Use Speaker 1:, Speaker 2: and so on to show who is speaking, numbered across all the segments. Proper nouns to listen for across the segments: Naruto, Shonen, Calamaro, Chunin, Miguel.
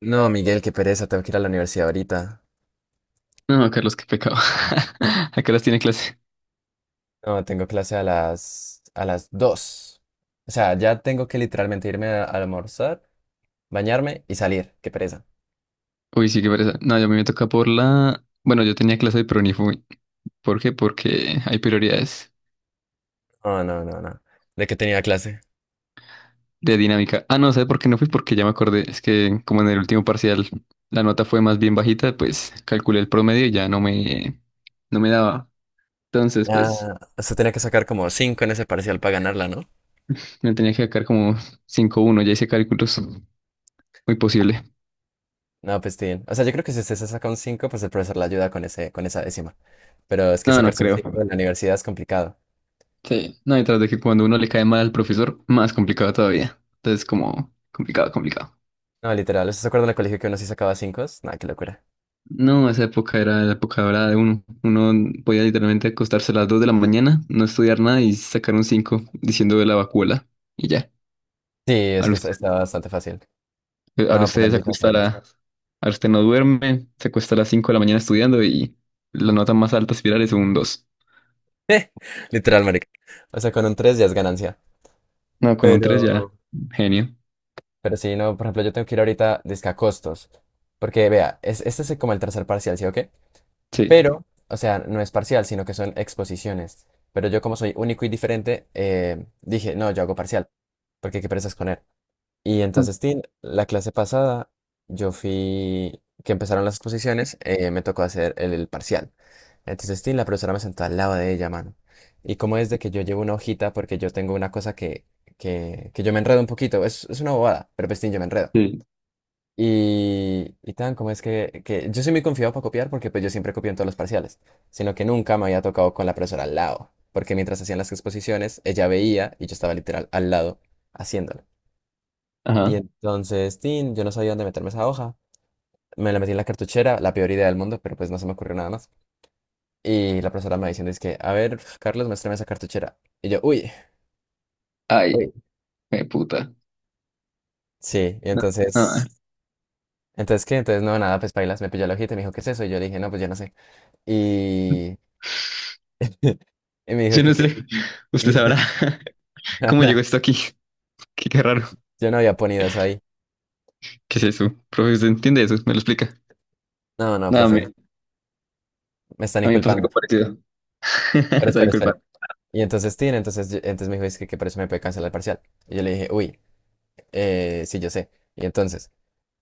Speaker 1: No, Miguel, qué pereza, tengo que ir a la universidad ahorita.
Speaker 2: No, no, Carlos, qué pecado. ¿A qué horas tiene clase?
Speaker 1: No, tengo clase a las 2. O sea, ya tengo que literalmente irme a almorzar, bañarme y salir. Qué pereza.
Speaker 2: Uy, sí, qué pereza. No, yo a mí me toca. Bueno, yo tenía clase, pero ni fui. ¿Por qué? Porque hay prioridades
Speaker 1: No, no, no, no. ¿De qué tenía clase?
Speaker 2: de dinámica. Ah, no, ¿sabes por qué no fui? Porque ya me acordé. Es que como en el último parcial la nota fue más bien bajita, pues calculé el promedio y ya no me daba. Entonces, pues
Speaker 1: Ah, usted tenía que sacar como cinco en ese parcial para ganarla, ¿no?
Speaker 2: me tenía que sacar como 5-1. Ya hice cálculos. Muy posible.
Speaker 1: No, pues bien. O sea, yo creo que si usted se saca un 5, pues el profesor le ayuda con esa décima. Pero es que
Speaker 2: No, no
Speaker 1: sacarse un
Speaker 2: creo.
Speaker 1: 5 en la universidad es complicado.
Speaker 2: Sí. No, y tras de que cuando uno le cae mal al profesor, más complicado todavía. Entonces, como complicado, complicado.
Speaker 1: No, literal, ¿usted se acuerda en el colegio que uno sí sacaba 5? Nada, qué locura.
Speaker 2: No, esa época era la época dorada de uno. Uno podía literalmente acostarse a las 2 de la mañana, no estudiar nada y sacar un 5, diciendo de la vacuola. Y ya.
Speaker 1: Sí, es
Speaker 2: Ahora
Speaker 1: que
Speaker 2: usted,
Speaker 1: estaba bastante fácil.
Speaker 2: ahora
Speaker 1: No, pero
Speaker 2: usted se
Speaker 1: ahorita
Speaker 2: acuesta a la-
Speaker 1: bailas.
Speaker 2: ahora usted no duerme, se acuesta a las 5 de la mañana estudiando y la nota más alta espiral es un dos.
Speaker 1: Literal, marica. O sea, con un 3 ya es ganancia.
Speaker 2: No, con un tres
Speaker 1: Pero,
Speaker 2: ya. Genio.
Speaker 1: pero sí, no, por ejemplo, yo tengo que ir ahorita dizque a costos. Porque, vea, es, este es como el tercer parcial, ¿sí o qué?
Speaker 2: Sí.
Speaker 1: Pero, o sea, no es parcial, sino que son exposiciones. Pero yo, como soy único y diferente, dije, no, yo hago parcial. Porque qué perezas con él. Y entonces, Tin, la clase pasada, yo fui, que empezaron las exposiciones, me tocó hacer el parcial. Entonces, Tin, la profesora me sentó al lado de ella, mano. Y como es de que yo llevo una hojita, porque yo tengo una cosa que yo me enredo un poquito, es una bobada, pero pues, Tin, yo me enredo.
Speaker 2: Sí.
Speaker 1: Y tan, como es que yo soy muy confiado para copiar, porque pues yo siempre copio en todos los parciales, sino que nunca me había tocado con la profesora al lado, porque mientras hacían las exposiciones, ella veía y yo estaba literal al lado haciéndolo. Y
Speaker 2: Ajá.
Speaker 1: entonces, tin, yo no sabía dónde meterme esa hoja. Me la metí en la cartuchera, la peor idea del mundo, pero pues no se me ocurrió nada más. Y la profesora me va diciendo, es que, a ver, Carlos, muéstrame esa cartuchera. Y yo, uy,
Speaker 2: Ay,
Speaker 1: uy.
Speaker 2: qué puta.
Speaker 1: Sí, y
Speaker 2: No, ah,
Speaker 1: entonces, ¿qué? Entonces, no, nada, pues bailas, me pilló la hojita y me dijo, ¿qué es eso? Y yo le dije, no, pues yo no sé. Y, y me dijo
Speaker 2: yo no
Speaker 1: que...
Speaker 2: sé. Usted sabrá cómo llegó esto aquí. Qué raro.
Speaker 1: yo no había ponido eso ahí.
Speaker 2: ¿Qué es eso? Profe, ¿usted entiende eso? ¿Me lo explica?
Speaker 1: No, no,
Speaker 2: No, a
Speaker 1: profe,
Speaker 2: mí,
Speaker 1: me están
Speaker 2: a mí me pasó
Speaker 1: inculpando.
Speaker 2: algo parecido.
Speaker 1: Pero
Speaker 2: Están
Speaker 1: espera, espera.
Speaker 2: inculpando.
Speaker 1: Y entonces, tin, entonces, entonces me dijo, es que por eso me puede cancelar el parcial. Y yo le dije, uy, sí, yo sé. Y entonces...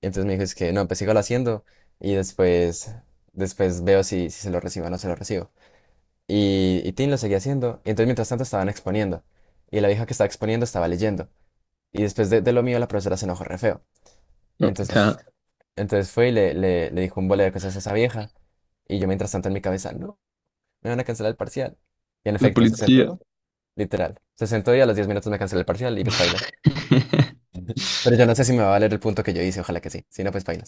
Speaker 1: Y entonces me dijo, es que no, pues sígalo haciendo y después, después veo si se lo recibo o no se lo recibo. Y Tim lo seguía haciendo. Y entonces mientras tanto estaban exponiendo. Y la vieja que estaba exponiendo estaba leyendo. Y después de lo mío la profesora se enojó re feo. Y
Speaker 2: No, o
Speaker 1: entonces,
Speaker 2: sea,
Speaker 1: entonces fue y le dijo un bole de cosas a esa vieja. Y yo mientras tanto en mi cabeza, no, me van a cancelar el parcial. Y en
Speaker 2: la
Speaker 1: efecto, se
Speaker 2: policía.
Speaker 1: sentó, literal. Se sentó y a los 10 minutos me canceló el parcial y pues paila. Pero yo no sé si me va a valer el punto que yo hice, ojalá que sí. Si no, pues paila.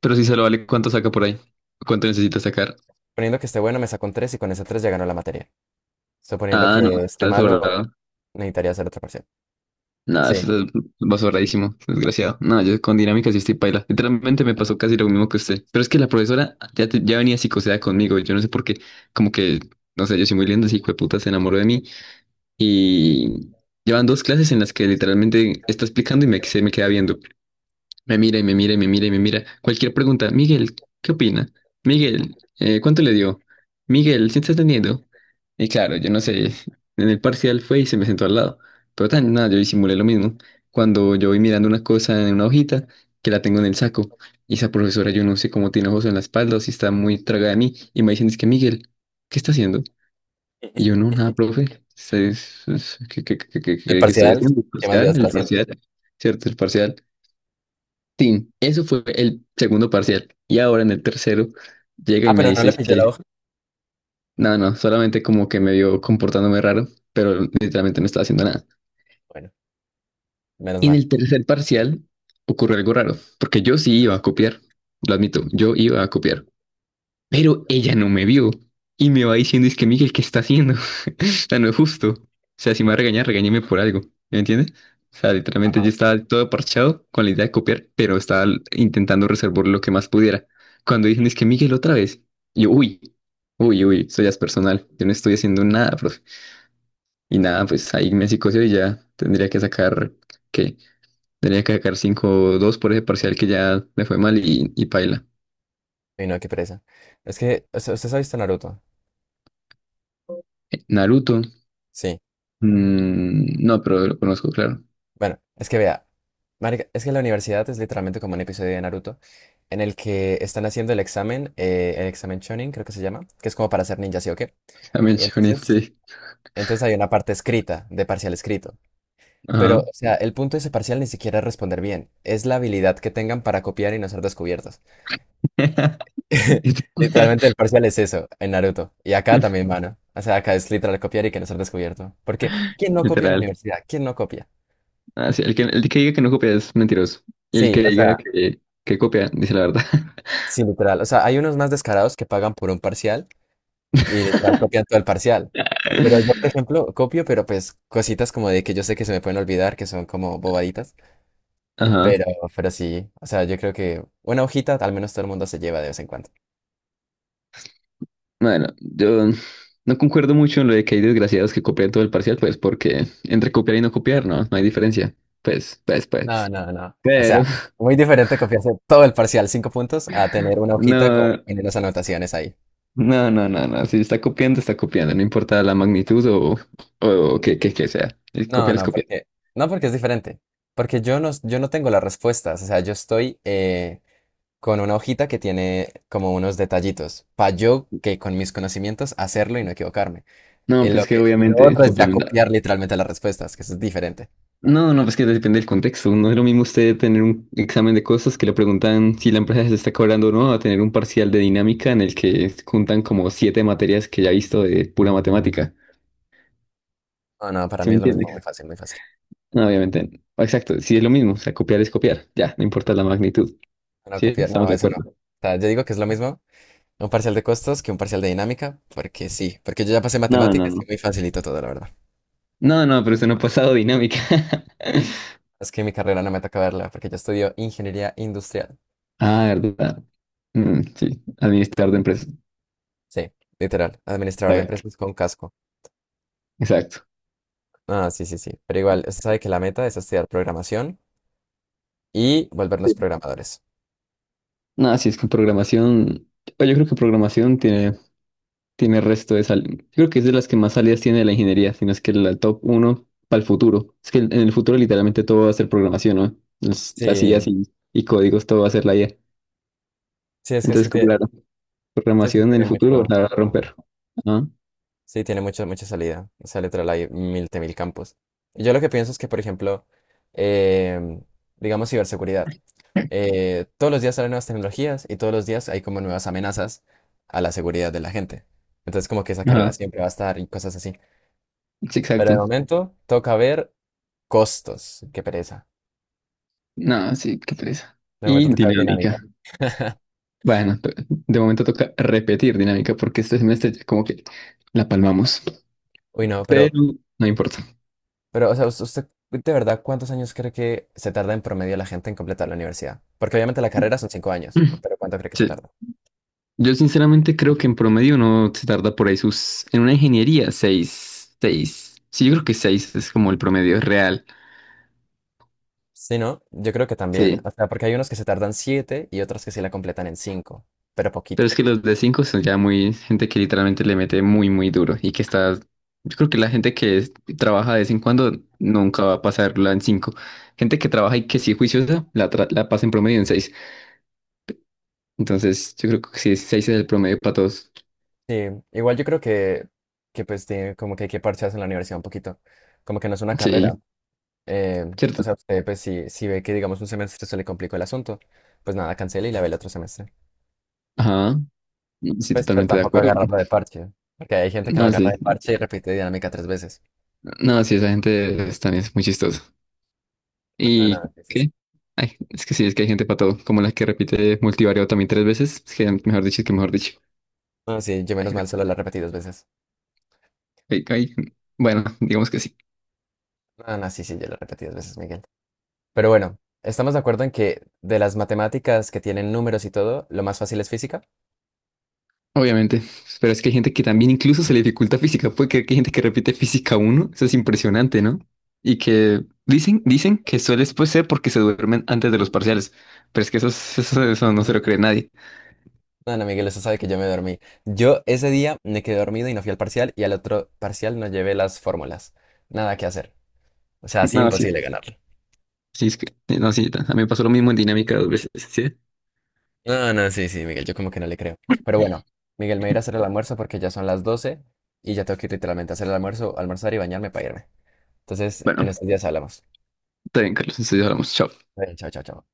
Speaker 2: Pero si se lo vale, ¿cuánto saca por ahí? ¿Cuánto necesita sacar?
Speaker 1: Suponiendo que esté bueno, me saco un 3 y con ese 3 ya ganó la materia. Suponiendo
Speaker 2: Ah, no,
Speaker 1: que esté
Speaker 2: está
Speaker 1: malo,
Speaker 2: sobrado.
Speaker 1: necesitaría hacer otro parcial.
Speaker 2: No,
Speaker 1: Sí.
Speaker 2: eso está va sobradísimo, desgraciado. No, yo con dinámica sí estoy paila. Literalmente me pasó casi lo mismo que usted. Pero es que la profesora ya venía psicoseada conmigo. Yo no sé por qué, como que, no sé, yo soy muy lindo, ese hijo de puta se enamoró de mí. Y llevan dos clases en las que literalmente está explicando y me, se me queda viendo. Me mira y me mira y me mira y me mira. Cualquier pregunta. Miguel, ¿qué opina? Miguel, ¿cuánto le dio? Miguel, ¿sí estás teniendo? Y claro, yo no sé. En el parcial fue y se me sentó al lado. Pero tan nada, yo disimulé lo mismo. Cuando yo voy mirando una cosa en una hojita que la tengo en el saco. Y esa profesora, yo no sé cómo tiene ojos en la espalda o si está muy tragada de mí. Y me dicen, es que Miguel, ¿qué está haciendo? Y yo, no, nada, profe. ¿Qué, qué, qué, qué,
Speaker 1: El
Speaker 2: qué- qué estoy
Speaker 1: parcial,
Speaker 2: haciendo? El
Speaker 1: ¿qué más voy a
Speaker 2: parcial,
Speaker 1: estar
Speaker 2: el
Speaker 1: haciendo?
Speaker 2: parcial. ¿Cierto? El parcial. Sí, eso fue el segundo parcial. Y ahora en el tercero llega
Speaker 1: Ah,
Speaker 2: y me
Speaker 1: pero no le
Speaker 2: dices
Speaker 1: pillé la
Speaker 2: que,
Speaker 1: hoja.
Speaker 2: no, no, solamente como que me vio comportándome raro, pero literalmente no estaba haciendo nada.
Speaker 1: Bueno, menos
Speaker 2: Y en
Speaker 1: mal.
Speaker 2: el tercer parcial ocurrió algo raro, porque yo sí iba a copiar, lo admito, yo iba a copiar. Pero ella no me vio y me va diciendo, es que Miguel, ¿qué está haciendo? O sea, no es justo. O sea, si me va a regañar, regáñeme por algo. ¿Me entiendes? O sea, literalmente yo
Speaker 1: Ajá.
Speaker 2: estaba todo parchado con la idea de copiar, pero estaba intentando reservar lo que más pudiera. Cuando dicen, es que Miguel, otra vez. Yo, uy, uy, uy, eso ya es personal. Yo no estoy haciendo nada, profe. Y nada, pues ahí me psicoseo y ya tendría que sacar, ¿qué? Tendría que sacar cinco dos por ese parcial que ya le fue mal y paila.
Speaker 1: Y no, qué pereza. Es que, o sea, ¿usted ha visto Naruto?
Speaker 2: Naruto.
Speaker 1: Sí.
Speaker 2: Mm, no, pero lo conozco, claro.
Speaker 1: Bueno, es que vea, marica, es que la universidad es literalmente como un episodio de Naruto en el que están haciendo el examen Chunin, creo que se llama, que es como para ser ninja, ¿sí o qué?
Speaker 2: También
Speaker 1: Y
Speaker 2: Shonen,
Speaker 1: entonces,
Speaker 2: sí.
Speaker 1: entonces hay una parte escrita, de parcial escrito. Pero,
Speaker 2: Ajá.
Speaker 1: o sea, el punto de ese parcial ni siquiera es responder bien, es la habilidad que tengan para copiar y no ser descubiertos. Literalmente el parcial es eso, en Naruto. Y acá también, mano. O sea, acá es literal copiar y que no ser descubierto. Porque, ¿quién no copia en la
Speaker 2: Literal.
Speaker 1: universidad? ¿Quién no copia?
Speaker 2: Ah, sí, el que diga que no copia es mentiroso. Y el
Speaker 1: Sí,
Speaker 2: que
Speaker 1: o
Speaker 2: diga
Speaker 1: sea,
Speaker 2: que copia, dice la verdad.
Speaker 1: sí, literal. O sea, hay unos más descarados que pagan por un parcial y literal copian todo el parcial. Pero yo, por ejemplo, copio, pero pues cositas como de que yo sé que se me pueden olvidar, que son como bobaditas.
Speaker 2: Ajá.
Speaker 1: Pero, pero sí, o sea, yo creo que una hojita al menos todo el mundo se lleva de vez en cuando.
Speaker 2: Bueno, yo no concuerdo mucho en lo de que hay desgraciados que copian todo el parcial, pues porque entre copiar y no copiar, no, no hay diferencia. Pues, pues,
Speaker 1: No,
Speaker 2: pues.
Speaker 1: no, no. O sea,
Speaker 2: Pero,
Speaker 1: muy diferente copiarse todo el parcial, 5 puntos, a tener una hojita con
Speaker 2: no,
Speaker 1: las anotaciones ahí.
Speaker 2: no, no, no, no. Si está copiando, está copiando, no importa la magnitud que sea. El copiar es
Speaker 1: No,
Speaker 2: copiar.
Speaker 1: porque, no, porque es diferente. Porque yo no tengo las respuestas. O sea, yo estoy con una hojita que tiene como unos detallitos. Para yo que con mis conocimientos hacerlo y no equivocarme.
Speaker 2: No, pues que
Speaker 1: Y lo
Speaker 2: obviamente
Speaker 1: otro es ya
Speaker 2: suplementar.
Speaker 1: copiar literalmente las respuestas, que eso es diferente.
Speaker 2: No, no, pues que depende del contexto. No es lo mismo usted tener un examen de cosas que le preguntan si la empresa se está cobrando o no, a tener un parcial de dinámica en el que juntan como siete materias que ya he visto de pura matemática.
Speaker 1: No, no, para
Speaker 2: ¿Sí
Speaker 1: mí
Speaker 2: me
Speaker 1: es lo mismo, muy
Speaker 2: entiendes?
Speaker 1: fácil, muy fácil.
Speaker 2: No, obviamente. Exacto, sí es lo mismo. O sea, copiar es copiar. Ya, no importa la magnitud.
Speaker 1: No,
Speaker 2: ¿Sí?
Speaker 1: copiar,
Speaker 2: Estamos
Speaker 1: no,
Speaker 2: de
Speaker 1: eso no. O
Speaker 2: acuerdo.
Speaker 1: sea, yo digo que es lo mismo, un parcial de costos que un parcial de dinámica, porque sí, porque yo ya pasé
Speaker 2: No, no,
Speaker 1: matemáticas y es
Speaker 2: no.
Speaker 1: muy facilito todo, la verdad.
Speaker 2: No, no, pero usted no ha pasado dinámica.
Speaker 1: Es que mi carrera no me toca verla, porque yo estudio ingeniería industrial.
Speaker 2: Ah, verdad. Mm, sí, administrar de empresa.
Speaker 1: Sí, literal, administrador de empresas con casco.
Speaker 2: Exacto.
Speaker 1: Ah, sí, sí, sí. Pero igual, usted sabe que la meta es estudiar programación y volvernos programadores.
Speaker 2: No, si es que programación, o yo creo que programación tiene resto de salidas. Yo creo que es de las que más salidas tiene de la ingeniería, sino es que la top uno para el futuro. Es que en el futuro literalmente todo va a ser programación, ¿no? Las IAs
Speaker 1: Sí,
Speaker 2: y códigos, todo va a ser la IA.
Speaker 1: sí, es
Speaker 2: Entonces, como, claro,
Speaker 1: sí, es que
Speaker 2: programación en el
Speaker 1: tiene
Speaker 2: futuro
Speaker 1: mucho.
Speaker 2: la va a romper. Ajá,
Speaker 1: Sí, tiene mucha salida. O sea, literal hay mil de mil campos. Yo lo que pienso es que, por ejemplo, em, digamos ciberseguridad. Todos los días salen nuevas tecnologías y todos los días hay como nuevas amenazas a la seguridad de la gente. Entonces, como que esa carrera
Speaker 2: ajá.
Speaker 1: siempre va a estar y cosas así.
Speaker 2: Sí,
Speaker 1: Pero de
Speaker 2: exacto.
Speaker 1: momento toca ver costos. Qué pereza.
Speaker 2: No, sí, qué pereza.
Speaker 1: De momento
Speaker 2: Y
Speaker 1: toca ver dinámica.
Speaker 2: dinámica. Bueno, de momento toca repetir dinámica porque este semestre ya como que la palmamos,
Speaker 1: Uy, no,
Speaker 2: pero no importa.
Speaker 1: o sea, usted, de verdad, ¿cuántos años cree que se tarda en promedio la gente en completar la universidad? Porque obviamente la carrera son cinco años, pero ¿cuánto cree que se
Speaker 2: Sí.
Speaker 1: tarda?
Speaker 2: Yo sinceramente creo que en promedio uno se tarda por ahí. En una ingeniería, seis, seis. Sí, yo creo que seis es como el promedio real.
Speaker 1: Sí, ¿no? Yo creo que también. O
Speaker 2: Sí.
Speaker 1: sea, porque hay unos que se tardan siete y otros que sí la completan en cinco, pero
Speaker 2: Pero es
Speaker 1: poquitos.
Speaker 2: que los de cinco son ya. Gente que literalmente le mete muy, muy duro y que está. Yo creo que la gente que trabaja de vez en cuando nunca va a pasarla en cinco. Gente que trabaja y que sí es juiciosa, la pasa en promedio en seis. Entonces, yo creo que sí, seis es el promedio para todos.
Speaker 1: Sí, igual yo creo que pues tiene como que hay que parchearse en la universidad un poquito. Como que no es una carrera.
Speaker 2: Sí,
Speaker 1: Eh, o
Speaker 2: ¿cierto?
Speaker 1: sea, usted pues si ve que digamos un semestre se le complicó el asunto, pues nada, cancela y la ve el otro semestre.
Speaker 2: Ajá. Sí,
Speaker 1: Pues, pero
Speaker 2: totalmente de
Speaker 1: tampoco
Speaker 2: acuerdo.
Speaker 1: agarrarla de parche. Porque hay gente que la
Speaker 2: No,
Speaker 1: agarra
Speaker 2: sí.
Speaker 1: de parche y repite dinámica tres veces.
Speaker 2: No, sí, esa gente también es muy chistosa.
Speaker 1: No, no,
Speaker 2: ¿Y
Speaker 1: sí, sí, sí.
Speaker 2: qué? Ay, es que sí, es que hay gente para todo, como la que repite multivariado también tres veces. Es que mejor dicho, es que mejor dicho.
Speaker 1: No, sí, yo
Speaker 2: Hay
Speaker 1: menos
Speaker 2: gente-
Speaker 1: mal solo la repetí dos veces.
Speaker 2: hay- hay- Bueno, digamos que sí,
Speaker 1: No, no, sí, sí, yo la repetí dos veces, Miguel. Pero bueno, estamos de acuerdo en que de las matemáticas que tienen números y todo, lo más fácil es física.
Speaker 2: obviamente. Pero es que hay gente que también incluso se le dificulta física. Puede creer que hay gente que repite física uno. Eso es impresionante, ¿no? Y que dicen que suele pues, ser porque se duermen antes de los parciales. Pero es que eso no se lo cree nadie.
Speaker 1: No, no, Miguel, eso sabe que yo me dormí. Yo ese día me quedé dormido y no fui al parcial y al otro parcial no llevé las fórmulas. Nada que hacer. O sea, así
Speaker 2: No, sí.
Speaker 1: imposible ganarlo.
Speaker 2: Sí, es que, sí, no, sí, a mí me pasó lo mismo en dinámica dos veces, ¿sí?
Speaker 1: No, no, sí, sí, Miguel, yo como que no le creo. Pero bueno, Miguel, me voy a hacer el almuerzo porque ya son las 12 y ya tengo que ir literalmente a hacer el almuerzo, almorzar y bañarme para irme. Entonces, en
Speaker 2: Bueno.
Speaker 1: estos días hablamos.
Speaker 2: Está bien, Carlos, entonces hablamos. Chao.
Speaker 1: Bueno, chao, chao, chao.